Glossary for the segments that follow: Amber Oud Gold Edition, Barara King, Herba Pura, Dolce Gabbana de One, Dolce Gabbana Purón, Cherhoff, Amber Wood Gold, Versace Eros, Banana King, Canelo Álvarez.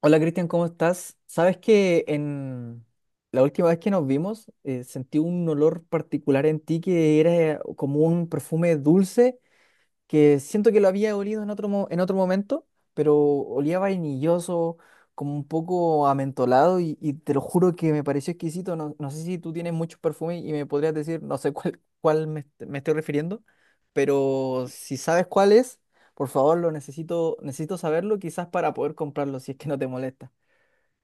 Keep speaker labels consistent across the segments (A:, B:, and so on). A: Hola, Cristian, ¿cómo estás? Sabes que en la última vez que nos vimos sentí un olor particular en ti que era como un perfume dulce que siento que lo había olido en otro, en otro momento, pero olía vainilloso, como un poco amentolado y te lo juro que me pareció exquisito. No, no sé si tú tienes muchos perfumes y me podrías decir, no sé cuál, me estoy refiriendo, pero si sabes cuál es, por favor, lo necesito, necesito saberlo quizás para poder comprarlo si es que no te molesta.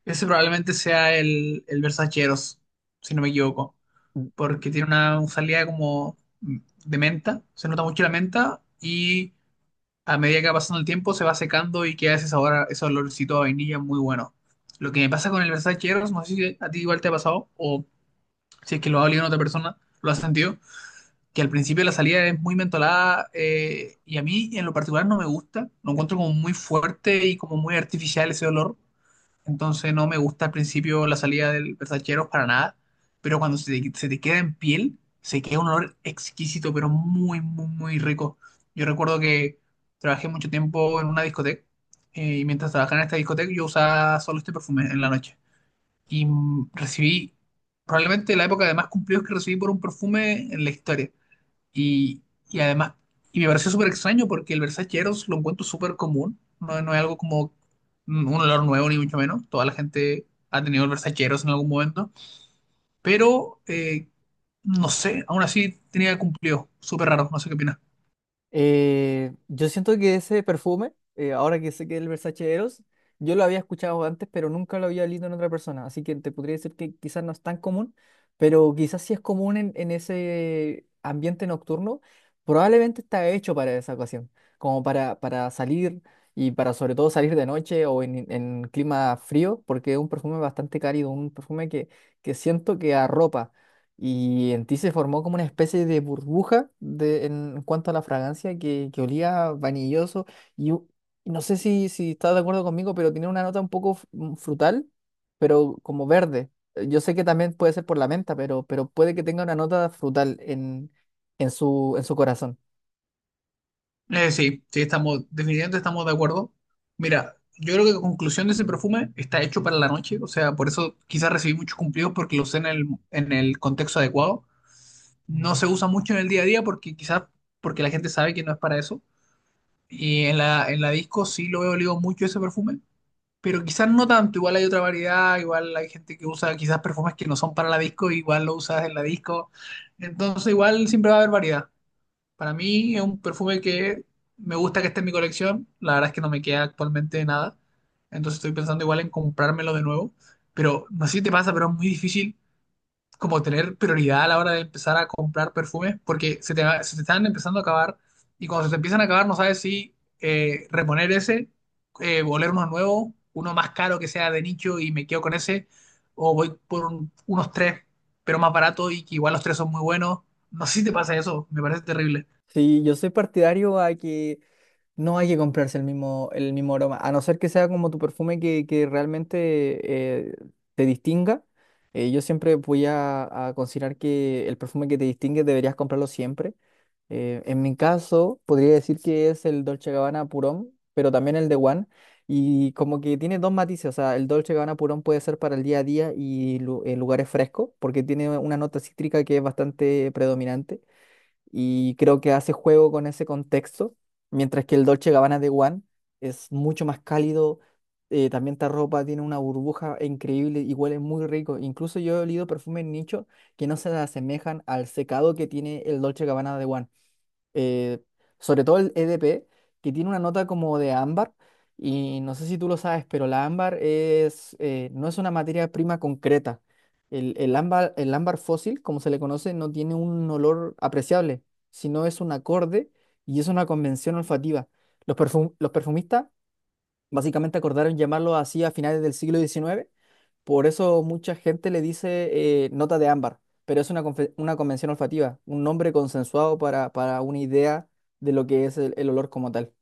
B: Ese probablemente sea el Versaceros, si no me equivoco, porque tiene una salida como de menta, se nota mucho la menta y a medida que va pasando el tiempo se va secando y queda ese ese olorcito a vainilla muy bueno. Lo que me pasa con el Versaceros, no sé si a ti igual te ha pasado o si es que lo ha olido en otra persona, lo has sentido, que al principio la salida es muy mentolada y a mí en lo particular no me gusta, lo encuentro como muy fuerte y como muy artificial ese olor, entonces no me gusta al principio la salida del Versaceros para nada, pero cuando se te queda en piel, se queda un olor exquisito, pero muy, muy, muy rico. Yo recuerdo que trabajé mucho tiempo en una discoteca, y mientras trabajaba en esta discoteca yo usaba solo este perfume en la noche. Y recibí probablemente la época de más cumplidos que recibí por un perfume en la historia. Y, y además, y me pareció súper extraño porque el Versace Eros lo encuentro súper común. No es algo como un olor nuevo, ni mucho menos. Toda la gente ha tenido el Versace Eros en algún momento. Pero, no sé, aún así tenía cumplido. Súper raro, no sé qué opinas.
A: Yo siento que ese perfume, ahora que sé que es el Versace Eros, yo lo había escuchado antes, pero nunca lo había olido en otra persona. Así que te podría decir que quizás no es tan común, pero quizás sí es común en ese ambiente nocturno. Probablemente está hecho para esa ocasión, como para salir y para sobre todo salir de noche o en clima frío, porque es un perfume bastante cálido, un perfume que siento que arropa. Y en ti se formó como una especie de burbuja de, en cuanto a la fragancia que olía vanilloso. Y u- y no sé si, si estás de acuerdo conmigo, pero tiene una nota un poco frutal, pero como verde. Yo sé que también puede ser por la menta, pero puede que tenga una nota frutal en su corazón.
B: Sí, sí, estamos, definitivamente estamos de acuerdo. Mira, yo creo que la conclusión de ese perfume está hecho para la noche. O sea, por eso quizás recibí muchos cumplidos porque lo usé en el contexto adecuado. No se usa mucho en el día a día porque quizás porque la gente sabe que no es para eso. Y en la disco sí lo he olido mucho ese perfume, pero quizás no tanto. Igual hay otra variedad, igual hay gente que usa quizás perfumes que no son para la disco, igual lo usas en la disco. Entonces igual siempre va a haber variedad. Para mí es un perfume que me gusta que esté en mi colección. La verdad es que no me queda actualmente nada. Entonces estoy pensando igual en comprármelo de nuevo. Pero no sé si te pasa, pero es muy difícil como tener prioridad a la hora de empezar a comprar perfumes, porque se te están empezando a acabar y cuando se te empiezan a acabar no sabes si reponer ese, oler uno nuevo, uno más caro que sea de nicho y me quedo con ese, o voy por unos tres, pero más barato y que igual los tres son muy buenos. No sé si te pasa eso, me parece terrible.
A: Sí, yo soy partidario a que no hay que comprarse el mismo aroma, a no ser que sea como tu perfume que realmente eh, te distinga. Yo siempre voy a considerar que el perfume que te distingue deberías comprarlo siempre. En mi caso, podría decir que es el Dolce Gabbana Purón, pero también el de One. Y como que tiene dos matices, o sea, el Dolce Gabbana Purón puede ser para el día a día y en lugares frescos, porque tiene una nota cítrica que es bastante predominante y creo que hace juego con ese contexto, mientras que el Dolce Gabbana de One es mucho más cálido, también esta ropa tiene una burbuja increíble y huele muy rico. Incluso yo he olido perfumes nicho que no se asemejan al secado que tiene el Dolce Gabbana de One, eh, sobre todo el EDP, que tiene una nota como de ámbar, y no sé si tú lo sabes, pero la ámbar es, no es una materia prima concreta. El ámbar fósil, como se le conoce, no tiene un olor apreciable, sino es un acorde y es una convención olfativa. Los perfumistas básicamente acordaron llamarlo así a finales del siglo 19. Por eso mucha gente le dice, nota de ámbar, pero es una, una convención olfativa, un nombre consensuado para una idea de lo que es el olor como tal.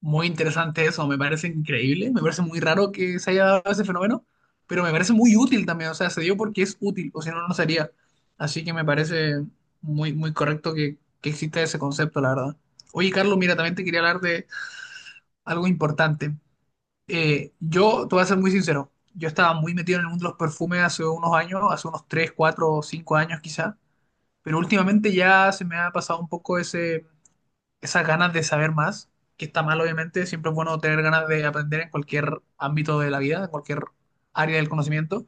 B: Muy interesante eso, me parece increíble, me parece muy raro que se haya dado ese fenómeno, pero me parece muy útil también, o sea, se dio porque es útil, o si no, no sería. Así que me parece muy, muy correcto que exista ese concepto, la verdad. Oye, Carlos, mira, también te quería hablar de algo importante. Te voy a ser muy sincero, yo estaba muy metido en el mundo de los perfumes hace unos años, hace unos 3 4 5 años quizá, pero últimamente ya se me ha pasado un poco ese esas ganas de saber más, que está mal obviamente, siempre es bueno tener ganas de aprender en cualquier ámbito de la vida, en cualquier área del conocimiento,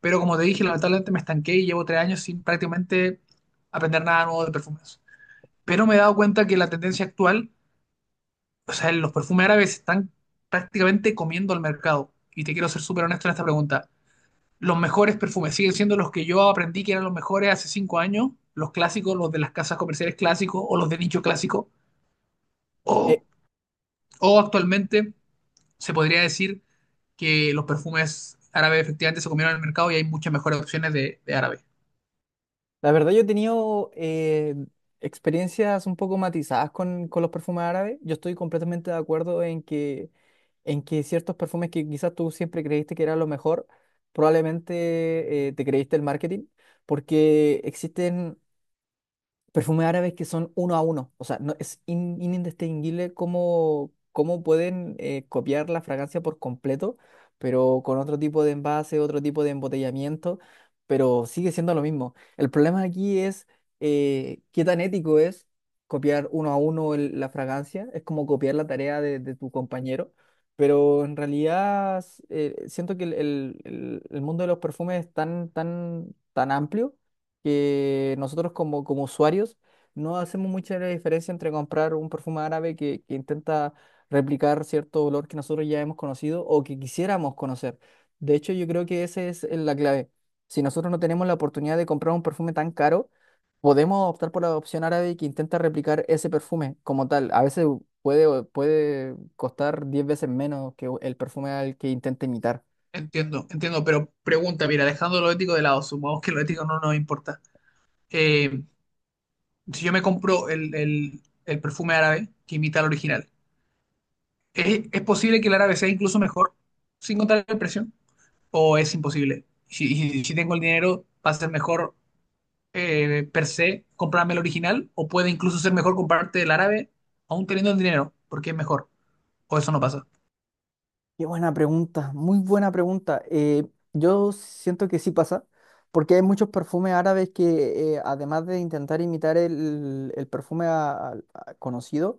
B: pero como te dije, lamentablemente me estanqué y llevo tres años sin prácticamente aprender nada nuevo de perfumes. Pero me he dado cuenta que la tendencia actual, o sea, los perfumes árabes están prácticamente comiendo el mercado. Y te quiero ser súper honesto en esta pregunta. ¿Los mejores perfumes siguen siendo los que yo aprendí que eran los mejores hace cinco años, los clásicos, los de las casas comerciales clásicos o los de nicho clásico,
A: Eh,
B: o O actualmente se podría decir que los perfumes árabes efectivamente se comieron en el mercado y hay muchas mejores opciones de árabe?
A: la verdad yo he tenido experiencias un poco matizadas con los perfumes árabes. Yo estoy completamente de acuerdo en que ciertos perfumes que quizás tú siempre creíste que era lo mejor, probablemente te creíste el marketing, porque existen perfumes árabes que son uno a uno. O sea, no, es indistinguible cómo, cómo pueden copiar la fragancia por completo, pero con otro tipo de envase, otro tipo de embotellamiento, pero sigue siendo lo mismo. El problema aquí es, qué tan ético es copiar uno a uno la fragancia. Es como copiar la tarea de tu compañero. Pero en realidad, siento que el mundo de los perfumes es tan, tan, tan amplio que nosotros como, como usuarios no hacemos mucha la diferencia entre comprar un perfume árabe que intenta replicar cierto olor que nosotros ya hemos conocido o que quisiéramos conocer. De hecho, yo creo que esa es la clave. Si nosotros no tenemos la oportunidad de comprar un perfume tan caro, podemos optar por la opción árabe que intenta replicar ese perfume como tal. A veces puede costar 10 veces menos que el perfume al que intenta imitar.
B: Entiendo, entiendo, pero pregunta, mira, dejando lo ético de lado, supongamos que lo ético no nos importa. Eh, si yo me compro el perfume árabe que imita al original, es posible que el árabe sea incluso mejor sin contar el precio? ¿O es imposible? Si tengo el dinero, ¿va a ser mejor per se comprarme el original o puede incluso ser mejor comprarte el árabe aún teniendo el dinero porque es mejor? ¿O eso no pasa?
A: Qué buena pregunta, muy buena pregunta. Yo siento que sí pasa, porque hay muchos perfumes árabes que, además de intentar imitar el perfume conocido,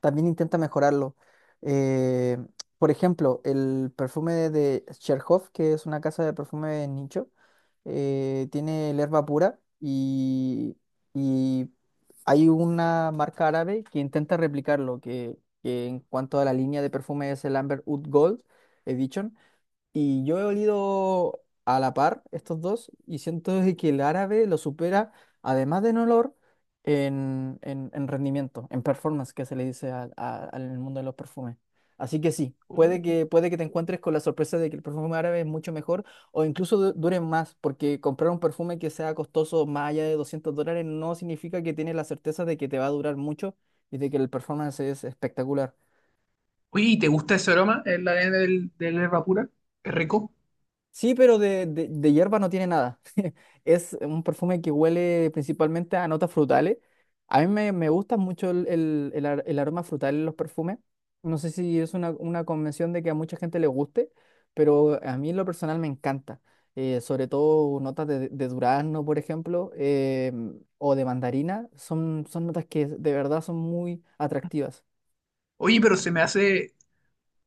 A: también intenta mejorarlo. Eh, por ejemplo, el perfume de Cherhoff, que es una casa de perfume nicho, tiene el Herba Pura, y hay una marca árabe que intenta replicarlo, que en cuanto a la línea de perfume es el Amber Oud Gold Edition, y yo he olido a la par estos dos y siento de que el árabe lo supera, además de en olor, en, en rendimiento, en performance, que se le dice al mundo de los perfumes. Así que sí, puede que te encuentres con la sorpresa de que el perfume árabe es mucho mejor o incluso dure más, porque comprar un perfume que sea costoso más allá de $200 no significa que tienes la certeza de que te va a durar mucho y de que el performance es espectacular.
B: Oye, ¿y te gusta ese aroma? El ADN del yerba pura. Es rico.
A: Sí, pero de hierba no tiene nada. Es un perfume que huele principalmente a notas frutales. A mí me gusta mucho el, el aroma frutal en los perfumes. No sé si es una convención de que a mucha gente le guste, pero a mí en lo personal me encanta. Sobre todo notas de durazno, por ejemplo, o de mandarina. Son, son notas que de verdad son muy atractivas.
B: Oye, pero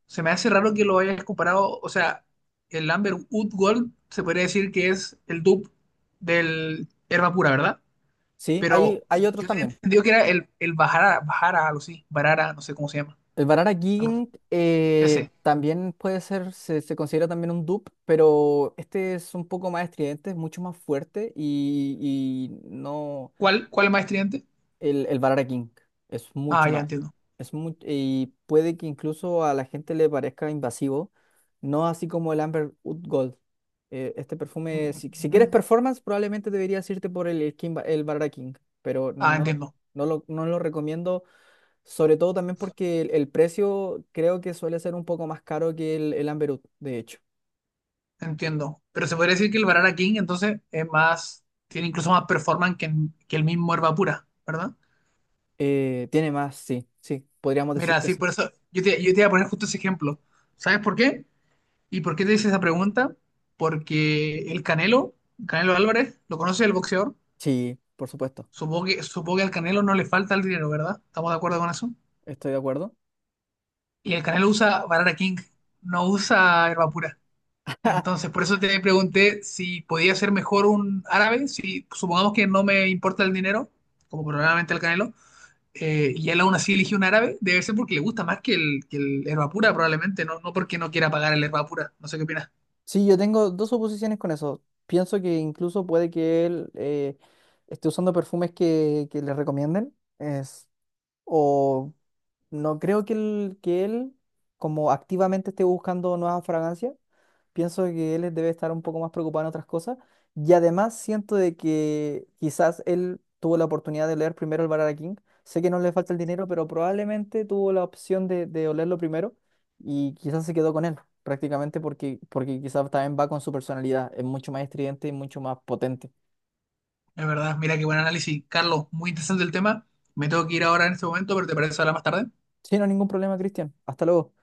B: se me hace raro que lo hayas comparado. O sea, el Amber Wood Gold se podría decir que es el dupe del hierba pura, ¿verdad?
A: Sí, hay,
B: Pero
A: hay
B: sí,
A: otros
B: yo tenía
A: también.
B: entendido que era el Bajara, Bajara, algo así. Barara, no sé cómo se llama.
A: El Banana
B: Algo así.
A: King,
B: Ese.
A: también puede ser, se considera también un dupe, pero este es un poco más estridente, es mucho más fuerte y no,
B: ¿Cuál, cuál es más estridente?
A: el Banana King es
B: Ah,
A: mucho
B: ya
A: más,
B: entiendo.
A: y puede que incluso a la gente le parezca invasivo, no así como el Amber Wood Gold. Este perfume, si, si quieres performance, probablemente deberías irte por el, King el Banana King, pero
B: Ah,
A: no,
B: entiendo,
A: no lo recomiendo, sobre todo también porque el precio creo que suele ser un poco más caro que el Amberut, de hecho.
B: entiendo. Pero se podría decir que el Barara King entonces es más, tiene incluso más performance que el mismo Herba Pura, ¿verdad?
A: Tiene más, sí, sí, podríamos decir
B: Mira,
A: que
B: sí,
A: sí.
B: por eso yo te iba a poner justo ese ejemplo. ¿Sabes por qué? ¿Y por qué te hice esa pregunta? Porque el Canelo, Canelo Álvarez, lo conoce, el boxeador.
A: Sí, por supuesto,
B: Supongo que al Canelo no le falta el dinero, ¿verdad? ¿Estamos de acuerdo con eso?
A: estoy de acuerdo.
B: Y el Canelo usa Barara King, no usa Herba Pura. Entonces, por eso te pregunté si podía ser mejor un árabe, si supongamos que no me importa el dinero, como probablemente el Canelo, y él aún así eligió un árabe, debe ser porque le gusta más que el Herba Pura, probablemente, no, no porque no quiera pagar el Herba Pura. No sé qué opinas.
A: Sí, yo tengo dos oposiciones con eso. Pienso que incluso puede que él, esté usando perfumes que le recomienden es, o no creo que él como activamente esté buscando nuevas fragancias. Pienso que él debe estar un poco más preocupado en otras cosas. Y además siento de que quizás él tuvo la oportunidad de leer primero el Barara King. Sé que no le falta el dinero, pero probablemente tuvo la opción de olerlo primero y quizás se quedó con él, prácticamente porque, porque quizás también va con su personalidad. Es mucho más estridente y mucho más potente.
B: Es verdad, mira qué buen análisis. Carlos, muy interesante el tema. Me tengo que ir ahora en este momento, pero ¿te parece hablar más tarde?
A: Sí, no hay ningún problema, Cristian. Hasta luego.